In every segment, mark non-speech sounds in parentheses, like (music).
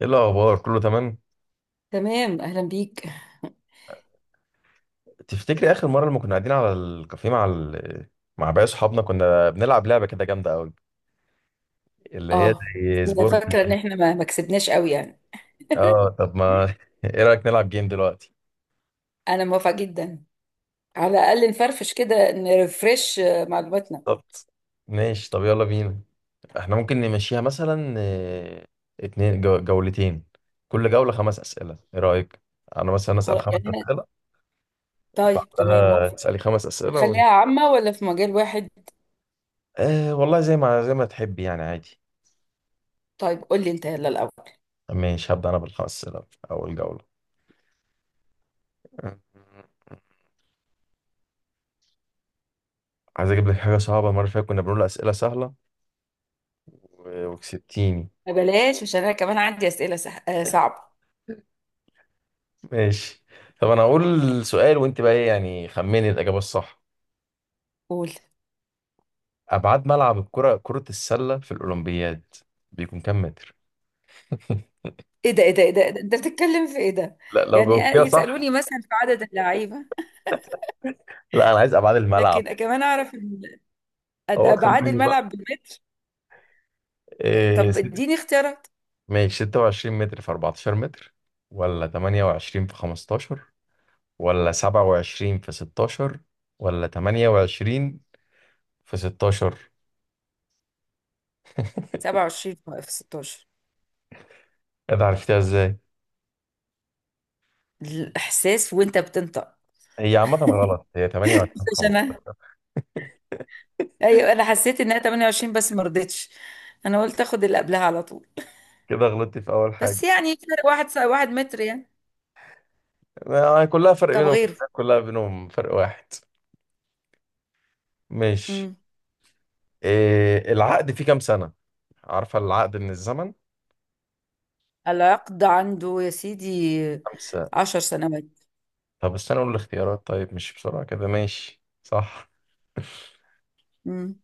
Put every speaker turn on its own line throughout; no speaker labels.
ايه الاخبار؟ كله تمام؟
تمام، اهلا بيك.
تفتكري اخر مره لما كنا قاعدين على الكافيه مع مع باقي صحابنا، كنا بنلعب لعبه كده جامده قوي اللي هي
اه بس
زي
انا
سبورك.
فاكره ان احنا ما كسبناش قوي يعني. (laughs)
اه، طب ما (laughs) ايه رايك نلعب جيم دلوقتي؟
انا موافقه جدا. على الاقل نفرفش كده نرفرش معلوماتنا.
بالظبط. ماشي، طب يلا بينا. احنا ممكن نمشيها مثلا اتنين جولتين، كل جوله خمس اسئله، ايه رايك؟ انا مثلا اسال
خلاص
خمس
يعني انا،
اسئله،
طيب تمام موافقه.
تسالي خمس اسئله
هتخليها عامه ولا في مجال واحد؟
والله زي ما تحبي يعني، عادي.
طيب قول لي انت يلا الاول.
ماشي، هبدا انا بالخمس اسئله، اول جوله. عايز اجيب لك حاجه صعبه، المره اللي فاتت كنا بنقول اسئله سهله وكسبتيني.
بلاش عشان انا كمان عندي اسئله سح... آه، صعبه.
ماشي، طب انا هقول سؤال، وانت بقى ايه يعني؟ خمني الاجابه الصح.
قول.
ابعاد ملعب الكره، كره السله في الاولمبياد، بيكون كام متر؟ (laughs)
ايه ده ايه ده ايه ده إيه ده؟ انت بتتكلم في ايه ده؟
لا، لو
يعني
جاوبتيها صح.
يسالوني مثلا في عدد اللعيبه،
لا انا عايز ابعاد الملعب.
لكن كمان اعرف
هو
ابعاد
خمني بقى.
الملعب بالمتر.
إيه
طب
ست...
اديني اختيارات.
ماشي، 26 متر في 14 متر، ولا 28 في 15، ولا 27 في 16، ولا 28 في 16؟
27 في 16.
ايه ده؟ عرفتها ازاي؟
الاحساس وانت بتنطق.
هي عامة غلط، هي 8 ولا
مش انا.
15؟
ايوه انا حسيت انها 28 بس ما رضيتش، انا قلت اخد اللي قبلها على طول.
كده غلطتي في أول
بس
حاجة.
يعني فرق واحد واحد متر يعني.
كلها فرق
طب
بينهم،
غيره.
كلها بينهم فرق واحد. ماشي.
امم
إيه العقد فيه كام سنة؟ عارفة العقد من الزمن؟
العقد عنده يا سيدي
خمسة؟
10 سنوات.
طب استنى أقول الاختيارات، طيب مش بسرعة كده، ماشي صح.
امم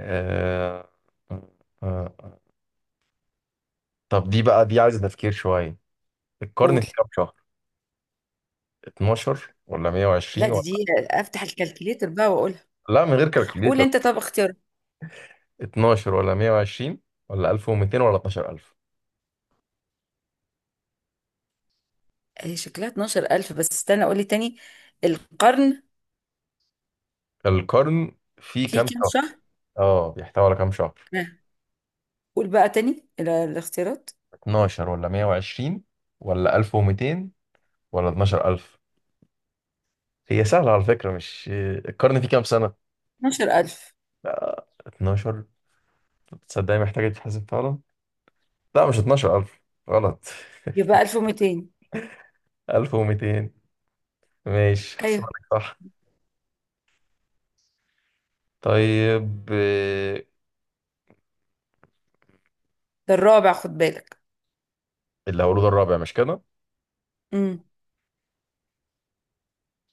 آه... آه... آه. طب دي بقى، دي عايزة تفكير شوية. القرن
قول.
فيه كام شهر؟ 12 ولا
لا،
120
دي
ولا...
دي افتح الكالكليتر بقى واقولها.
لا، من غير
قول
كالكوليتر.
انت طب اختيار.
12 ولا 120 ولا 1200 ولا 12000؟
هي شكلها 12000 بس استنى قول لي تاني. القرن
القرن فيه
فيه
كام
كام
شهر؟
شهر؟
اه، بيحتوي على كام شهر.
آه. قول بقى تاني الاختيارات.
12 ولا 120 ولا 1200 ولا 12000؟ هي سهلة على فكرة، مش القرن فيه كام سنة.
12000.
12؟ تصدقني محتاجة تتحسب فعلا. لا، مش 12000، غلط.
يبقى 1200.
(laughs) 1200؟ ماشي،
ايوه،
حسبك صح. طيب
ده الرابع خد بالك.
الهولوج الرابع، مش كده؟
امم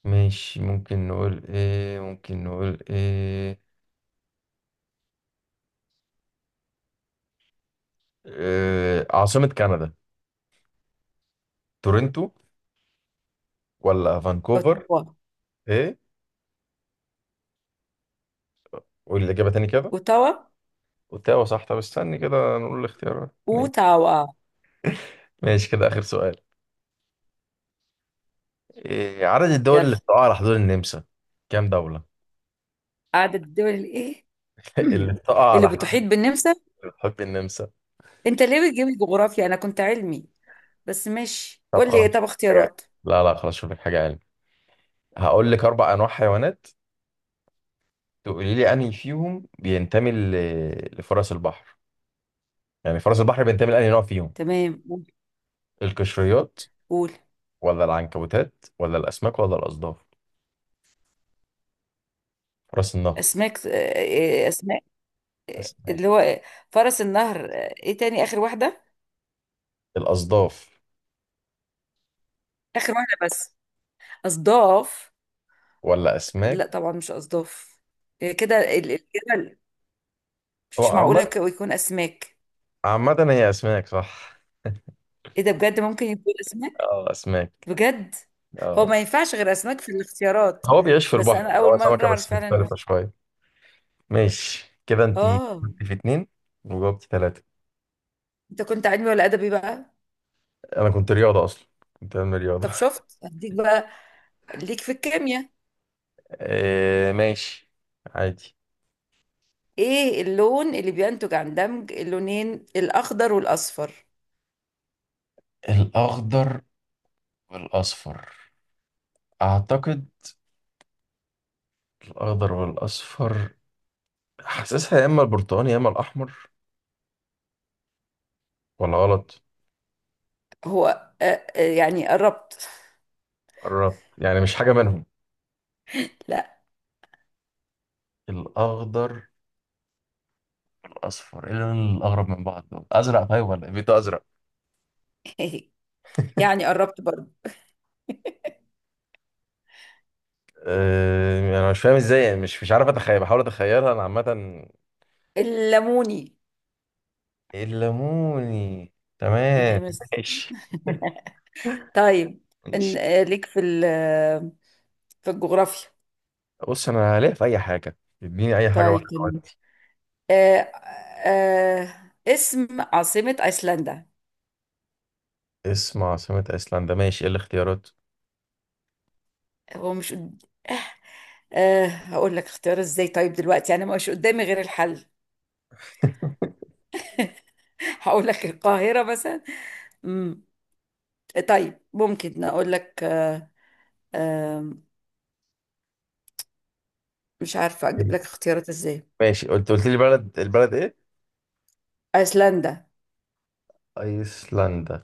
ماشي، ممكن نقول ايه، عاصمة كندا؟ تورنتو ولا فانكوفر؟
اوتاوا.
ايه؟ قول الإجابة تاني كده.
اوتاوا.
اوتاوا، صح. طب استني كده، نقول الاختيارات، ماشي.
اوتاوا.
ماشي، كده اخر سؤال. إيه عدد الدول
يلا.
اللي بتقع على حدود النمسا؟ كام دولة؟
قعدت الدول الايه.
(laughs)
(clears throat)
اللي
مم.
بتقع
اللي
على
بتحيط
حدود،
بالنمسا.
اللي بتحب النمسا.
انت ليه بتجيب الجغرافيا؟ انا كنت علمي بس ماشي
طب
قول لي
خلاص،
إيه؟ طب
شوف لك حاجة علم.
اختيارات.
لا لا، خلاص شوف لك حاجة علم. هقول لك اربع انواع حيوانات، تقولي لي انهي فيهم بينتمي لفرس البحر، يعني فرس البحر بينتمي لانهي نوع فيهم:
تمام ممكن.
القشريات،
قول.
ولا العنكبوتات، ولا الاسماك، ولا الاصداف؟ فرس النهر.
اسماك، اسماء،
اسماك؟
اللي هو فرس النهر. ايه تاني؟ اخر واحده.
الاصداف
اخر واحده بس. اصداف؟
ولا اسماك؟
لا طبعا مش اصداف. كده الجبل.
هو
مش
عامة،
معقوله يكون اسماك.
عامة هي اسماك، صح؟
ايه ده؟ بجد ممكن يكون اسماك؟
اه، اسماك.
بجد؟ هو
اه.
ما ينفعش غير اسماك في الاختيارات.
هو بيعيش في
بس
البحر،
انا
يعني
اول
هو
مره
سمكة
اعرف
بس
فعلا انه.
مختلفة شوية. ماشي، كده انت
اه.
جبتي في اتنين وجاوبتي تلاتة.
انت كنت علمي ولا ادبي بقى؟
انا كنت رياضة اصلا، كنت بعمل رياضة.
طب شفت هديك بقى، ليك في الكيمياء.
(laughs) آه، ماشي، عادي.
ايه اللون اللي بينتج عن دمج اللونين الاخضر والاصفر؟
الاخضر والاصفر، اعتقد الاخضر والاصفر، حاسسها يا اما البرتقاني يا اما الاحمر. ولا غلط؟
هو آه، آه يعني قربت.
قربت يعني، مش حاجة منهم؟
لا.
الاخضر، الاصفر، ايه اللون الاقرب من بعض دول؟ ازرق؟ طيب ولا ايه بيتو؟ ازرق.
(laughs) يعني قربت برضه.
يعني انا مش فاهم ازاي يعني، مش عارف اتخيل، بحاول اتخيلها انا عامه.
الليموني.
الليموني؟ تمام.
أهي بس.
ماشي
طيب.
ماشي.
ليك في في الجغرافيا.
بص انا هلاقي في اي حاجه، اديني اي حاجه
طيب.
واحده ودي.
آه اسم عاصمة أيسلندا.
اسم عاصمه ايسلندا، ماشي، ايه الاختيارات؟
هو مش قد- آه هقول لك اختيار ازاي طيب دلوقتي انا مش قدامي غير الحل.
(laughs)
(laughs) هقول لك القاهرة مثلا. امم طيب ممكن اقول لك آه مش عارفة اجيب لك اختيارات ازاي.
ماشي، قلت لي بلد، البلد ايه؟
أيسلندا.
ايسلندا.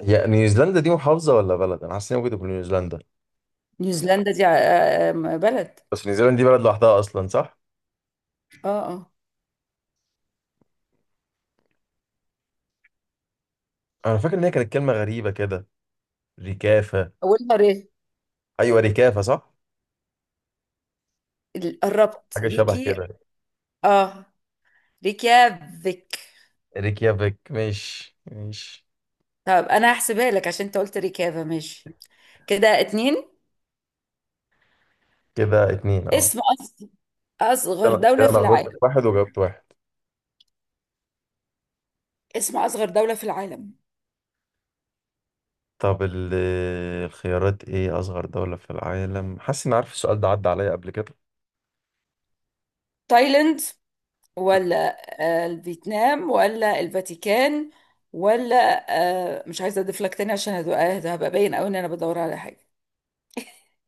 هي نيوزيلندا دي محافظه ولا بلد؟ انا حاسس ان هي ممكن تكون نيوزيلندا،
نيوزيلندا دي بلد.
بس نيوزيلندا دي بلد لوحدها اصلا، صح؟
اه. اه.
انا فاكر ان هي كانت كلمه غريبه كده. ريكافه؟
اولها ري.
ايوه، ريكافه، صح.
قربت،
حاجه شبه
ريكي.
كده.
اه، ريكيافيك.
ريكيافيك. ماشي ماشي،
طب انا هحسبها لك عشان انت قلت ريكافا ماشي. كده اتنين.
كده اتنين، اه.
اسم أصغر
كده
دولة
كده انا
في
غلطت في
العالم.
واحد، وجاوبت واحد.
اسم أصغر دولة في العالم.
طب الخيارات ايه؟ اصغر دولة في العالم، حاسس اني عارف السؤال ده، عدى عليا قبل كده.
تايلاند، ولا الفيتنام، ولا الفاتيكان، ولا مش عايزة أضيف لك تاني عشان ده هبقى باين أوي إن أنا بدور على حاجة.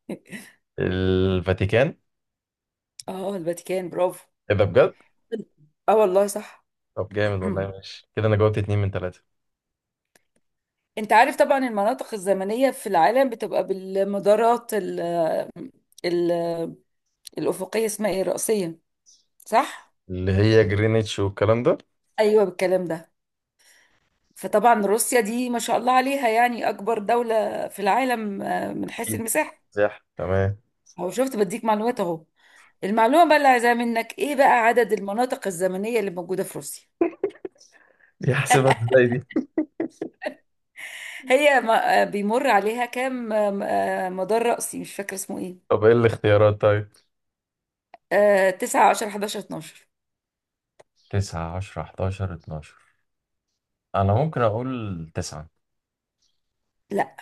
(laughs)
الفاتيكان.
اه الفاتيكان. برافو.
ايه ده بجد؟
اه والله صح.
طب جامد والله.
(clears throat)
ماشي، كده انا جاوبت اتنين من تلاتة.
انت عارف طبعا المناطق الزمنية في العالم بتبقى بالمدارات ال ال الأفقية، اسمها ايه الرئيسية، صح؟
اللي هي جرينتش والكلام ده.
ايوه بالكلام ده. فطبعا روسيا دي ما شاء الله عليها يعني أكبر دولة في العالم من حيث
اكيد،
المساحة.
صح تمام.
أهو شفت، بديك معلومات أهو. المعلومة بقى اللي عايزاها منك إيه بقى عدد المناطق الزمنية اللي موجودة في روسيا.
دي حاسبها ازاي دي؟
هي بيمر عليها كام آم، آه، مدار رأسي مش فاكرة اسمه إيه.
طب ايه الاختيارات؟ طيب،
9، 10، 11، 12.
تسعة، عشرة، حداشر، اتناشر. أنا ممكن أقول تسعة.
لا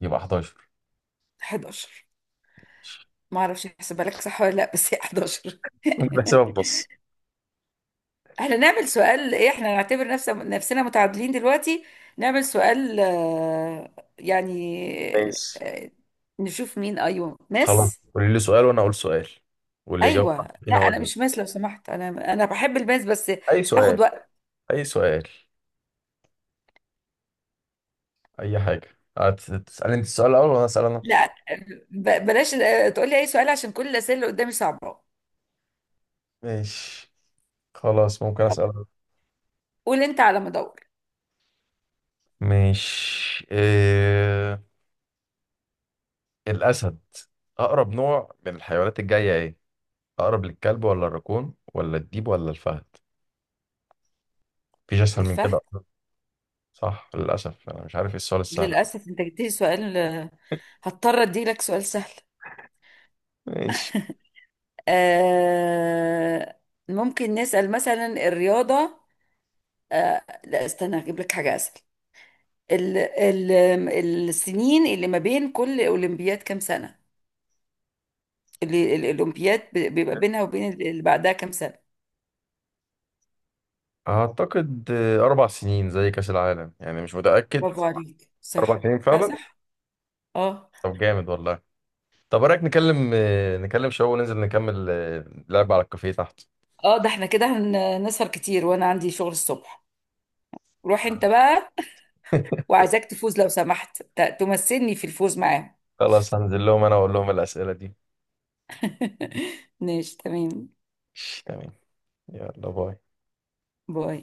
يبقى حداشر.
11. ما اعرفش احسبها لك صح ولا لا بس هي 11.
بحسبها
(laughs)
بنص.
احنا نعمل سؤال ايه؟ احنا نعتبر نفسنا متعادلين دلوقتي. نعمل سؤال يعني،
(laughs) ماشي.
آه، نشوف مين. ايوه
خلاص،
ماس.
قولي لي سؤال وانا اقول سؤال، واللي يجاوب صح
ايوه لا
فينا هو
انا
اللي يكسب.
مش ماس لو سمحت. انا بحب الماس بس
اي سؤال؟
هاخد وقت.
اي سؤال، اي حاجه. هتسالي انت السؤال الاول وانا اسال انا.
لا، بلاش تقولي اي سؤال عشان كل الاسئله اللي قدامي صعبه.
ماشي، خلاص، ممكن
طب
اسال.
قول انت على ما ادور.
ماشي، الاسد اقرب نوع من الحيوانات الجايه، ايه اقرب؟ للكلب ولا الراكون ولا الديب ولا الفهد؟ مفيش اسهل من كده
الفهد.
أصلاً. صح. للاسف انا مش عارف ايه السؤال السهل ده.
للاسف انت جبتلي سؤال هضطر اديلك سؤال سهل.
ماشي.
آه، ممكن نسأل مثلا الرياضه. آه لا استنى هجيب لك حاجة أسهل. ال ال السنين اللي ما بين كل أولمبياد كام سنة؟ اللي الأولمبياد بيبقى بينها وبين اللي بعدها كام سنة؟
اعتقد اربع سنين، زي كاس العالم يعني، مش متاكد.
برافو عليك
اربع
صح.
سنين
لا
فعلا.
صح. اه.
طب جامد والله. طب ايه رأيك نكلم نكلم شباب وننزل نكمل لعب على الكافيه تحت؟
اه ده احنا كده هنسهر كتير وأنا عندي شغل الصبح. روح انت بقى.
(laughs)
وعايزاك تفوز لو سمحت، تمثلني في الفوز معاهم.
خلاص، هنزل لهم انا واقول لهم الأسئلة دي.
(laughs) ماشي، تمام.
تمام. يلا، باي.
باي.